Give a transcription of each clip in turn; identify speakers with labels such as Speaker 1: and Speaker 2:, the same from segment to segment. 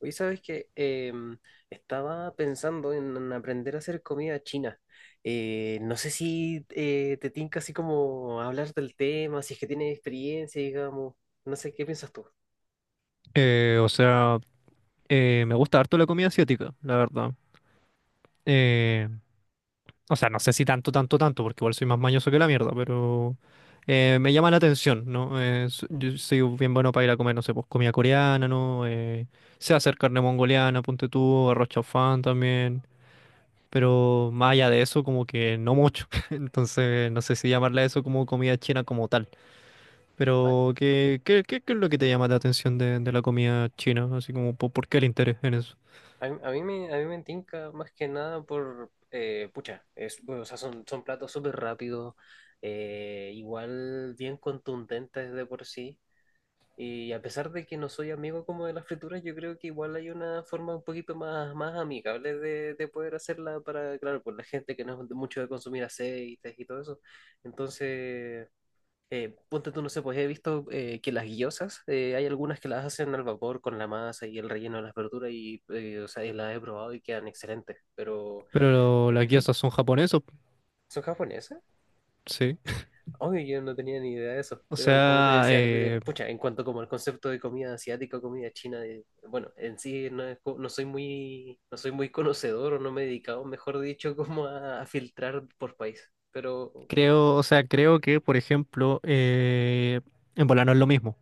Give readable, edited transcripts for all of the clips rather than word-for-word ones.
Speaker 1: Oye, ¿sabes qué? Estaba pensando en aprender a hacer comida china. No sé si te tinca así como hablar del tema, si es que tienes experiencia, digamos. No sé, ¿qué piensas tú?
Speaker 2: Eh, o sea, me gusta harto la comida asiática, la verdad. Eh, no sé si tanto, porque igual soy más mañoso que la mierda, pero me llama la atención, ¿no? Yo soy bien bueno para ir a comer, no sé, pues comida coreana, ¿no? Sé hacer carne mongoliana, ponte tú, arroz chaufán también, pero más allá de eso, como que no mucho. Entonces, no sé si llamarle a eso como comida china como tal.
Speaker 1: A,
Speaker 2: Pero, ¿qué es lo que te llama la atención de la comida china? Así como, ¿por qué el interés en eso?
Speaker 1: a mí me tinca más que nada por, pucha, es, bueno, o sea, son platos súper rápidos, igual bien contundentes de por sí. Y a pesar de que no soy amigo como de las frituras, yo creo que igual hay una forma un poquito más, más amigable de poder hacerla para, claro, por la gente que no es de mucho de consumir aceites y todo eso. Entonces, ponte tú, no sé, pues he visto que las guillosas, hay algunas que las hacen al vapor con la masa y el relleno de las verduras y, o sea, y las he probado y quedan excelentes, pero
Speaker 2: Pero las guías
Speaker 1: ujú.
Speaker 2: son japonesos,
Speaker 1: ¿Son japonesas?
Speaker 2: sí.
Speaker 1: Obvio, yo no tenía ni idea de eso,
Speaker 2: O
Speaker 1: pero como te
Speaker 2: sea,
Speaker 1: decía,
Speaker 2: eh,
Speaker 1: pucha, en cuanto como el concepto de comida asiática o comida china, bueno, en sí no, es co- no soy muy, no soy muy conocedor o no me he dedicado, mejor dicho, como a filtrar por país, pero
Speaker 2: creo, creo que, por ejemplo, en volar no es lo mismo,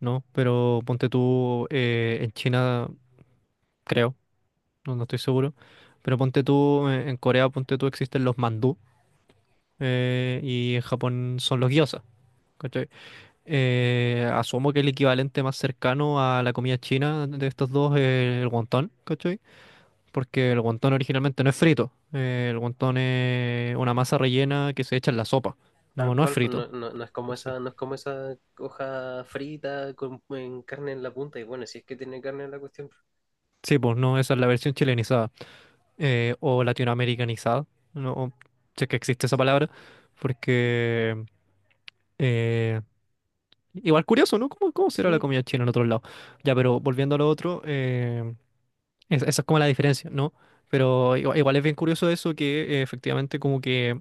Speaker 2: ¿no? Pero ponte tú en China, creo, no estoy seguro, pero ponte tú en Corea, ponte tú existen los mandú y en Japón son los gyozas. ¿Cachai? Asumo que el equivalente más cercano a la comida china de estos dos es el wonton, ¿cachai? Porque el guantón originalmente no es frito. El guantón es una masa rellena que se echa en la sopa.
Speaker 1: tal
Speaker 2: No, no es
Speaker 1: cual, pues,
Speaker 2: frito.
Speaker 1: no es como
Speaker 2: Sí,
Speaker 1: esa, no es como esa hoja frita con en carne en la punta, y bueno, si es que tiene carne en la cuestión, pues,
Speaker 2: sí, pues no, esa es la versión chilenizada o latinoamericanizada. No sé que existe esa
Speaker 1: sí.
Speaker 2: palabra, porque eh, igual curioso, ¿no? ¿Cómo será la
Speaker 1: Sí,
Speaker 2: comida china en otro lado? Ya, pero volviendo a lo otro, esa es como la diferencia, ¿no? Pero igual es bien curioso eso que efectivamente como que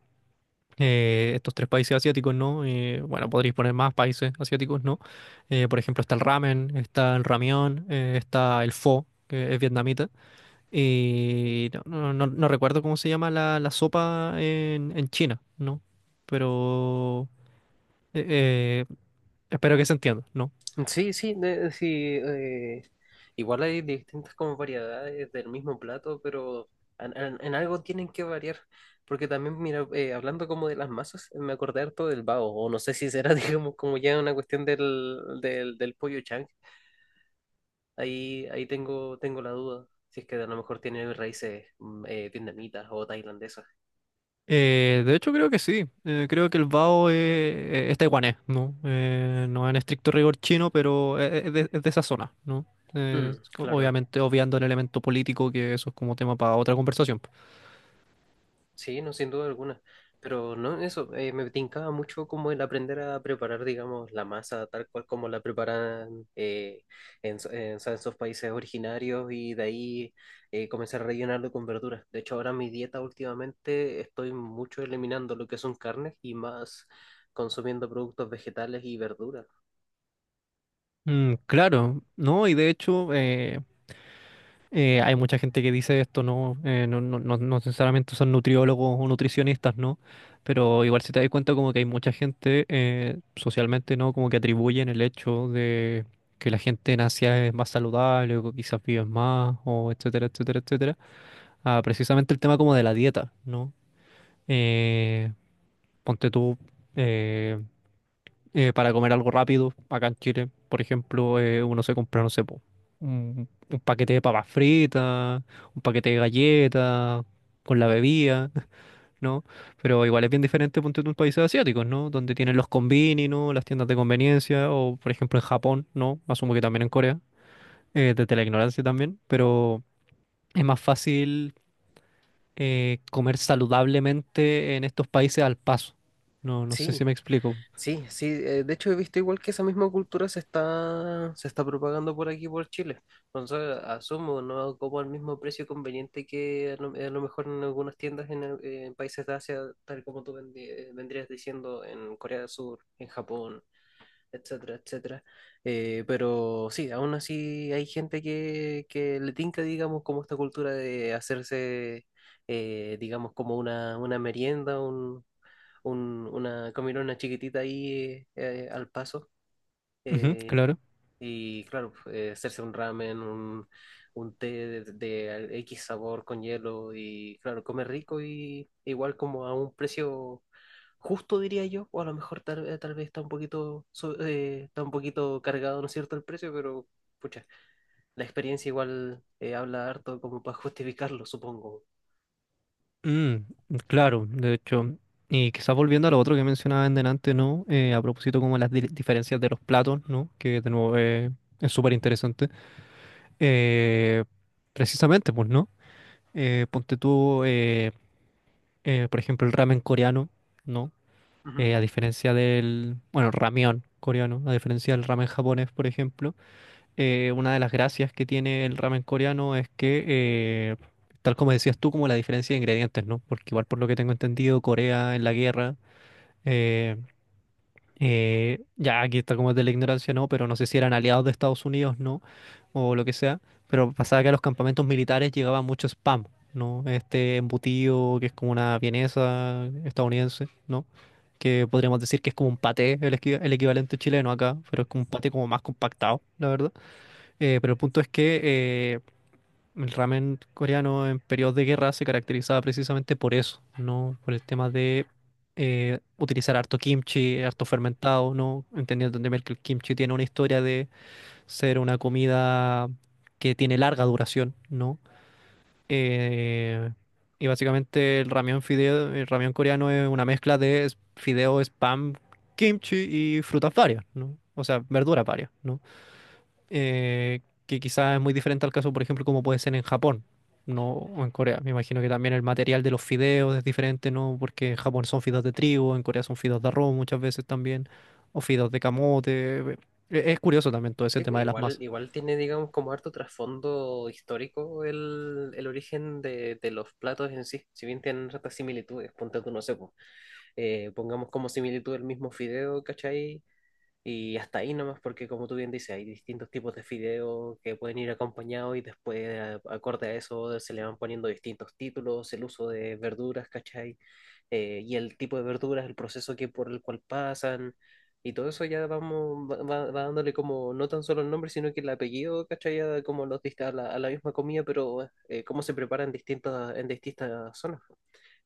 Speaker 2: estos tres países asiáticos, ¿no? Bueno, podríais poner más países asiáticos, ¿no? Por ejemplo, está el ramen, está el ramión, está el pho, que es vietnamita, y no, no recuerdo cómo se llama la sopa en China, ¿no? Pero eh, eh, espero que se entienda, ¿no?
Speaker 1: sí, sí, de- sí. eh, Igual hay distintas como variedades del mismo plato, pero en algo tienen que variar. Porque también, mira, hablando como de las masas, me acordé harto del bao, o no sé si será, digamos, como ya una cuestión del pollo chang. Ahí tengo, tengo la duda, si es que a lo mejor tiene raíces vietnamitas o tailandesas.
Speaker 2: De hecho, creo que sí. Creo que el bao es taiwanés, ¿no? No en estricto rigor chino, pero es de esa zona, ¿no?
Speaker 1: Mm, claro.
Speaker 2: Obviamente, obviando el elemento político, que eso es como tema para otra conversación.
Speaker 1: Sí, no, sin duda alguna. Pero no, eso, me tincaba mucho como el aprender a preparar, digamos, la masa tal cual como la preparan en, so- en, o sea, en esos países originarios y de ahí comenzar a rellenarlo con verduras. De hecho, ahora mi dieta últimamente estoy mucho eliminando lo que son carnes y más consumiendo productos vegetales y verduras.
Speaker 2: Mm, claro, ¿no? Y de hecho, hay mucha gente que dice esto, no, no necesariamente son nutriólogos o nutricionistas, ¿no? Pero igual si te das cuenta como que hay mucha gente socialmente, ¿no? Como que atribuyen el hecho de que la gente en Asia es más saludable o que quizás vive más o etcétera, etcétera, etcétera, a precisamente el tema como de la dieta, ¿no? Eh, ponte tú, eh, para comer algo rápido acá en Chile. Por ejemplo, uno se compra, no sé, po, un paquete de papas fritas, un paquete de galletas, con la bebida, ¿no? Pero igual es bien diferente, ponte tú, en países asiáticos, ¿no? Donde tienen los combini, ¿no? Las tiendas de conveniencia, o por ejemplo en Japón, ¿no? Asumo que también en Corea, desde la ignorancia también, pero es más fácil comer saludablemente en estos países al paso. No, no sé si
Speaker 1: Sí,
Speaker 2: me explico.
Speaker 1: sí, sí, de hecho he visto igual que esa misma cultura se está propagando por aquí, por Chile. Entonces, asumo, no como al mismo precio conveniente que a lo mejor en algunas tiendas en, el- en países de Asia, tal como tú vendi- vendrías diciendo en Corea del Sur, en Japón, etcétera, etcétera. Pero sí, aún así hay gente que le tinca, digamos, como esta cultura de hacerse, digamos, como una merienda, un- una comilona chiquitita ahí al paso.
Speaker 2: Ujú,
Speaker 1: eh,
Speaker 2: claro.
Speaker 1: y claro, hacerse un ramen, un té de al- X sabor con hielo y claro, comer rico y igual como a un precio justo, diría yo, o a lo mejor tal, tal vez está un poquito, so- está un poquito cargado, ¿no es cierto?, el precio, pero pucha, la experiencia igual habla harto como para justificarlo, supongo.
Speaker 2: Mm, claro, de hecho, y quizás volviendo a lo otro que mencionaba en delante, ¿no? A propósito como las diferencias de los platos, ¿no? Que de nuevo es súper interesante. Eh, precisamente, pues, ¿no? Ponte tú, por ejemplo, el ramen coreano, ¿no?
Speaker 1: Ujú.
Speaker 2: A diferencia del, bueno, ramión coreano, a diferencia del ramen japonés, por ejemplo una de las gracias que tiene el ramen coreano es que, tal como decías tú, como la diferencia de ingredientes, ¿no? Porque igual por lo que tengo entendido, Corea en la guerra, eh, ya aquí está como es de la ignorancia, ¿no? Pero no sé si eran aliados de Estados Unidos, ¿no? O lo que sea, pero pasaba que a los campamentos militares llegaba mucho spam, ¿no? Este embutido que es como una vienesa estadounidense, ¿no? Que podríamos decir que es como un paté, el, el equivalente chileno acá, pero es como un paté como más compactado, la verdad. Pero el punto es que el ramen coreano en periodos de guerra se caracterizaba precisamente por eso, ¿no? Por el tema de utilizar harto kimchi, harto fermentado, ¿no? Entendiendo también que el kimchi tiene una historia de ser una comida que tiene larga duración, ¿no? Eh, y básicamente el ramen fideo, el ramen coreano es una mezcla de fideo, spam, kimchi y frutas varias, ¿no? O sea, verduras varias, ¿no? Eh, que quizás es muy diferente al caso, por ejemplo, como puede ser en Japón, no o en Corea. Me imagino que también el material de los fideos es diferente, ¿no? Porque en Japón son fideos de trigo, en Corea son fideos de arroz muchas veces también, o fideos de camote. Es curioso también todo ese
Speaker 1: Sí, pues,
Speaker 2: tema de las
Speaker 1: igual,
Speaker 2: masas.
Speaker 1: igual tiene, digamos, como harto trasfondo histórico el origen de los platos en sí, si bien tienen ciertas similitudes, ponte tú, no sé, po, pongamos como similitud el mismo fideo, ¿cachai? Y hasta ahí nomás, porque como tú bien dices, hay distintos tipos de fideos que pueden ir acompañados y después, a- acorde a eso, se le van poniendo distintos títulos, el uso de verduras, ¿cachai? Y el tipo de verduras, el proceso que por el cual pasan, y todo eso ya vamos, va dándole como no tan solo el nombre, sino que el apellido, ¿cachai? Ya como los dist- a la misma comida, pero cómo se preparan en distintas zonas.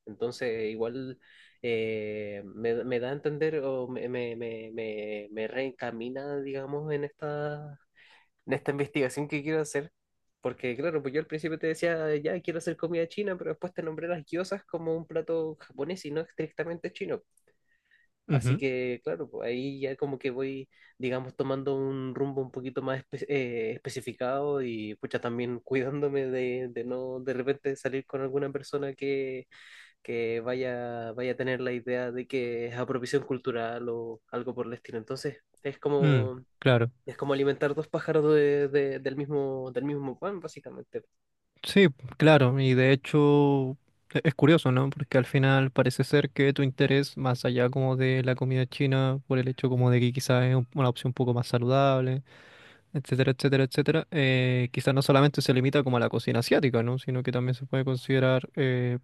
Speaker 1: Entonces, igual me da a entender o me reencamina, digamos, en esta investigación que quiero hacer. Porque, claro, pues yo al principio te decía, ya quiero hacer comida china, pero después te nombré las gyozas como un plato japonés y no estrictamente chino. Así
Speaker 2: Ujú,
Speaker 1: que, claro, pues ahí ya como que voy, digamos, tomando un rumbo un poquito más espe- especificado y, pucha, también cuidándome de no de repente salir con alguna persona que vaya, vaya a tener la idea de que es apropiación cultural o algo por el estilo. Entonces,
Speaker 2: mm, claro.
Speaker 1: es como alimentar dos pájaros del mismo, del mismo pan, básicamente.
Speaker 2: Sí, claro, y de hecho es curioso, ¿no? Porque al final parece ser que tu interés, más allá como de la comida china, por el hecho como de que quizás es una opción un poco más saludable, etcétera, etcétera, etcétera, quizás no solamente se limita como a la cocina asiática, ¿no? Sino que también se puede considerar eh,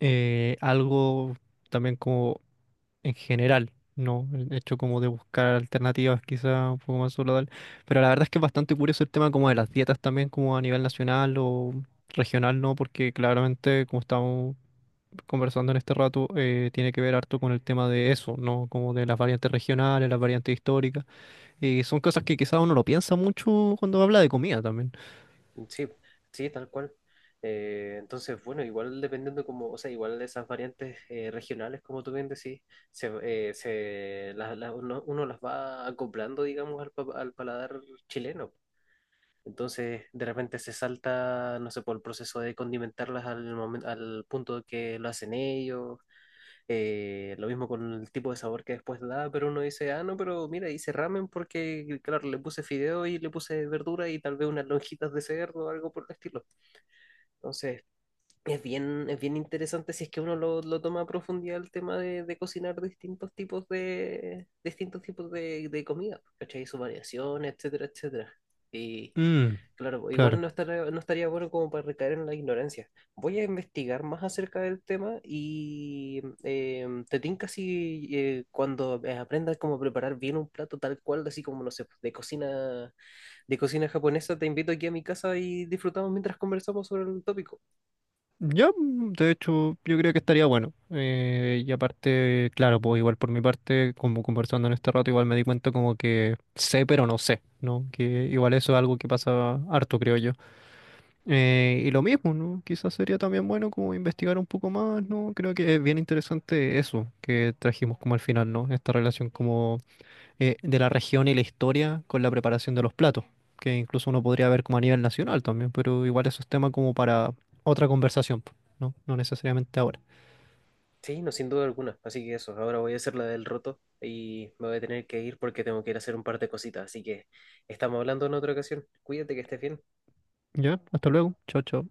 Speaker 2: eh, algo también como en general, ¿no? El hecho como de buscar alternativas quizás un poco más saludables. Pero la verdad es que es bastante curioso el tema como de las dietas también como a nivel nacional o regional, ¿no? Porque claramente como estamos conversando en este rato, tiene que ver harto con el tema de eso, ¿no? Como de las variantes regionales, las variantes históricas. Y son cosas que quizás uno lo piensa mucho cuando habla de comida también.
Speaker 1: Sí, sí, tal cual. Entonces, bueno, igual dependiendo como, o sea, igual de esas variantes regionales, como tú bien decís, se, se, las- uno, uno las va acoplando, digamos, al, pa- al paladar chileno. Entonces, de repente se salta, no sé, por el proceso de condimentarlas al momento, al punto que lo hacen ellos. Lo mismo con el tipo de sabor que después da, pero uno dice, ah, no, pero mira, hice ramen porque, claro, le puse fideo y le puse verdura y tal vez unas lonjitas de cerdo o algo por el estilo. Entonces, es bien interesante si es que uno lo toma a profundidad el tema de cocinar distintos tipos de, distintos tipos de comida, ¿cachai? Su variación, etcétera, etcétera. Y
Speaker 2: Mm,
Speaker 1: claro, igual
Speaker 2: claro.
Speaker 1: no estaría bueno como para recaer en la ignorancia. Voy a investigar más acerca del tema y te tinca si cuando aprendas cómo preparar bien un plato tal cual, así como, no sé, de cocina japonesa, te invito aquí a mi casa y disfrutamos mientras conversamos sobre el tópico.
Speaker 2: Ya, mm, de hecho, yo creo que estaría bueno. Y aparte, claro, pues igual por mi parte, como conversando en este rato, igual me di cuenta como que sé, pero no sé, ¿no? Que igual eso es algo que pasa harto, creo yo. Y lo mismo, ¿no? Quizás sería también bueno como investigar un poco más, ¿no? Creo que es bien interesante eso que trajimos como al final, ¿no? Esta relación como de la región y la historia con la preparación de los platos, que incluso uno podría ver como a nivel nacional también, pero igual eso es tema como para otra conversación, po, ¿no? No necesariamente ahora.
Speaker 1: Sí, no, sin duda alguna. Así que eso, ahora voy a hacer la del roto y me voy a tener que ir porque tengo que ir a hacer un par de cositas. Así que estamos hablando en otra ocasión. Cuídate que estés bien.
Speaker 2: Ya, hasta luego. Chao, chao.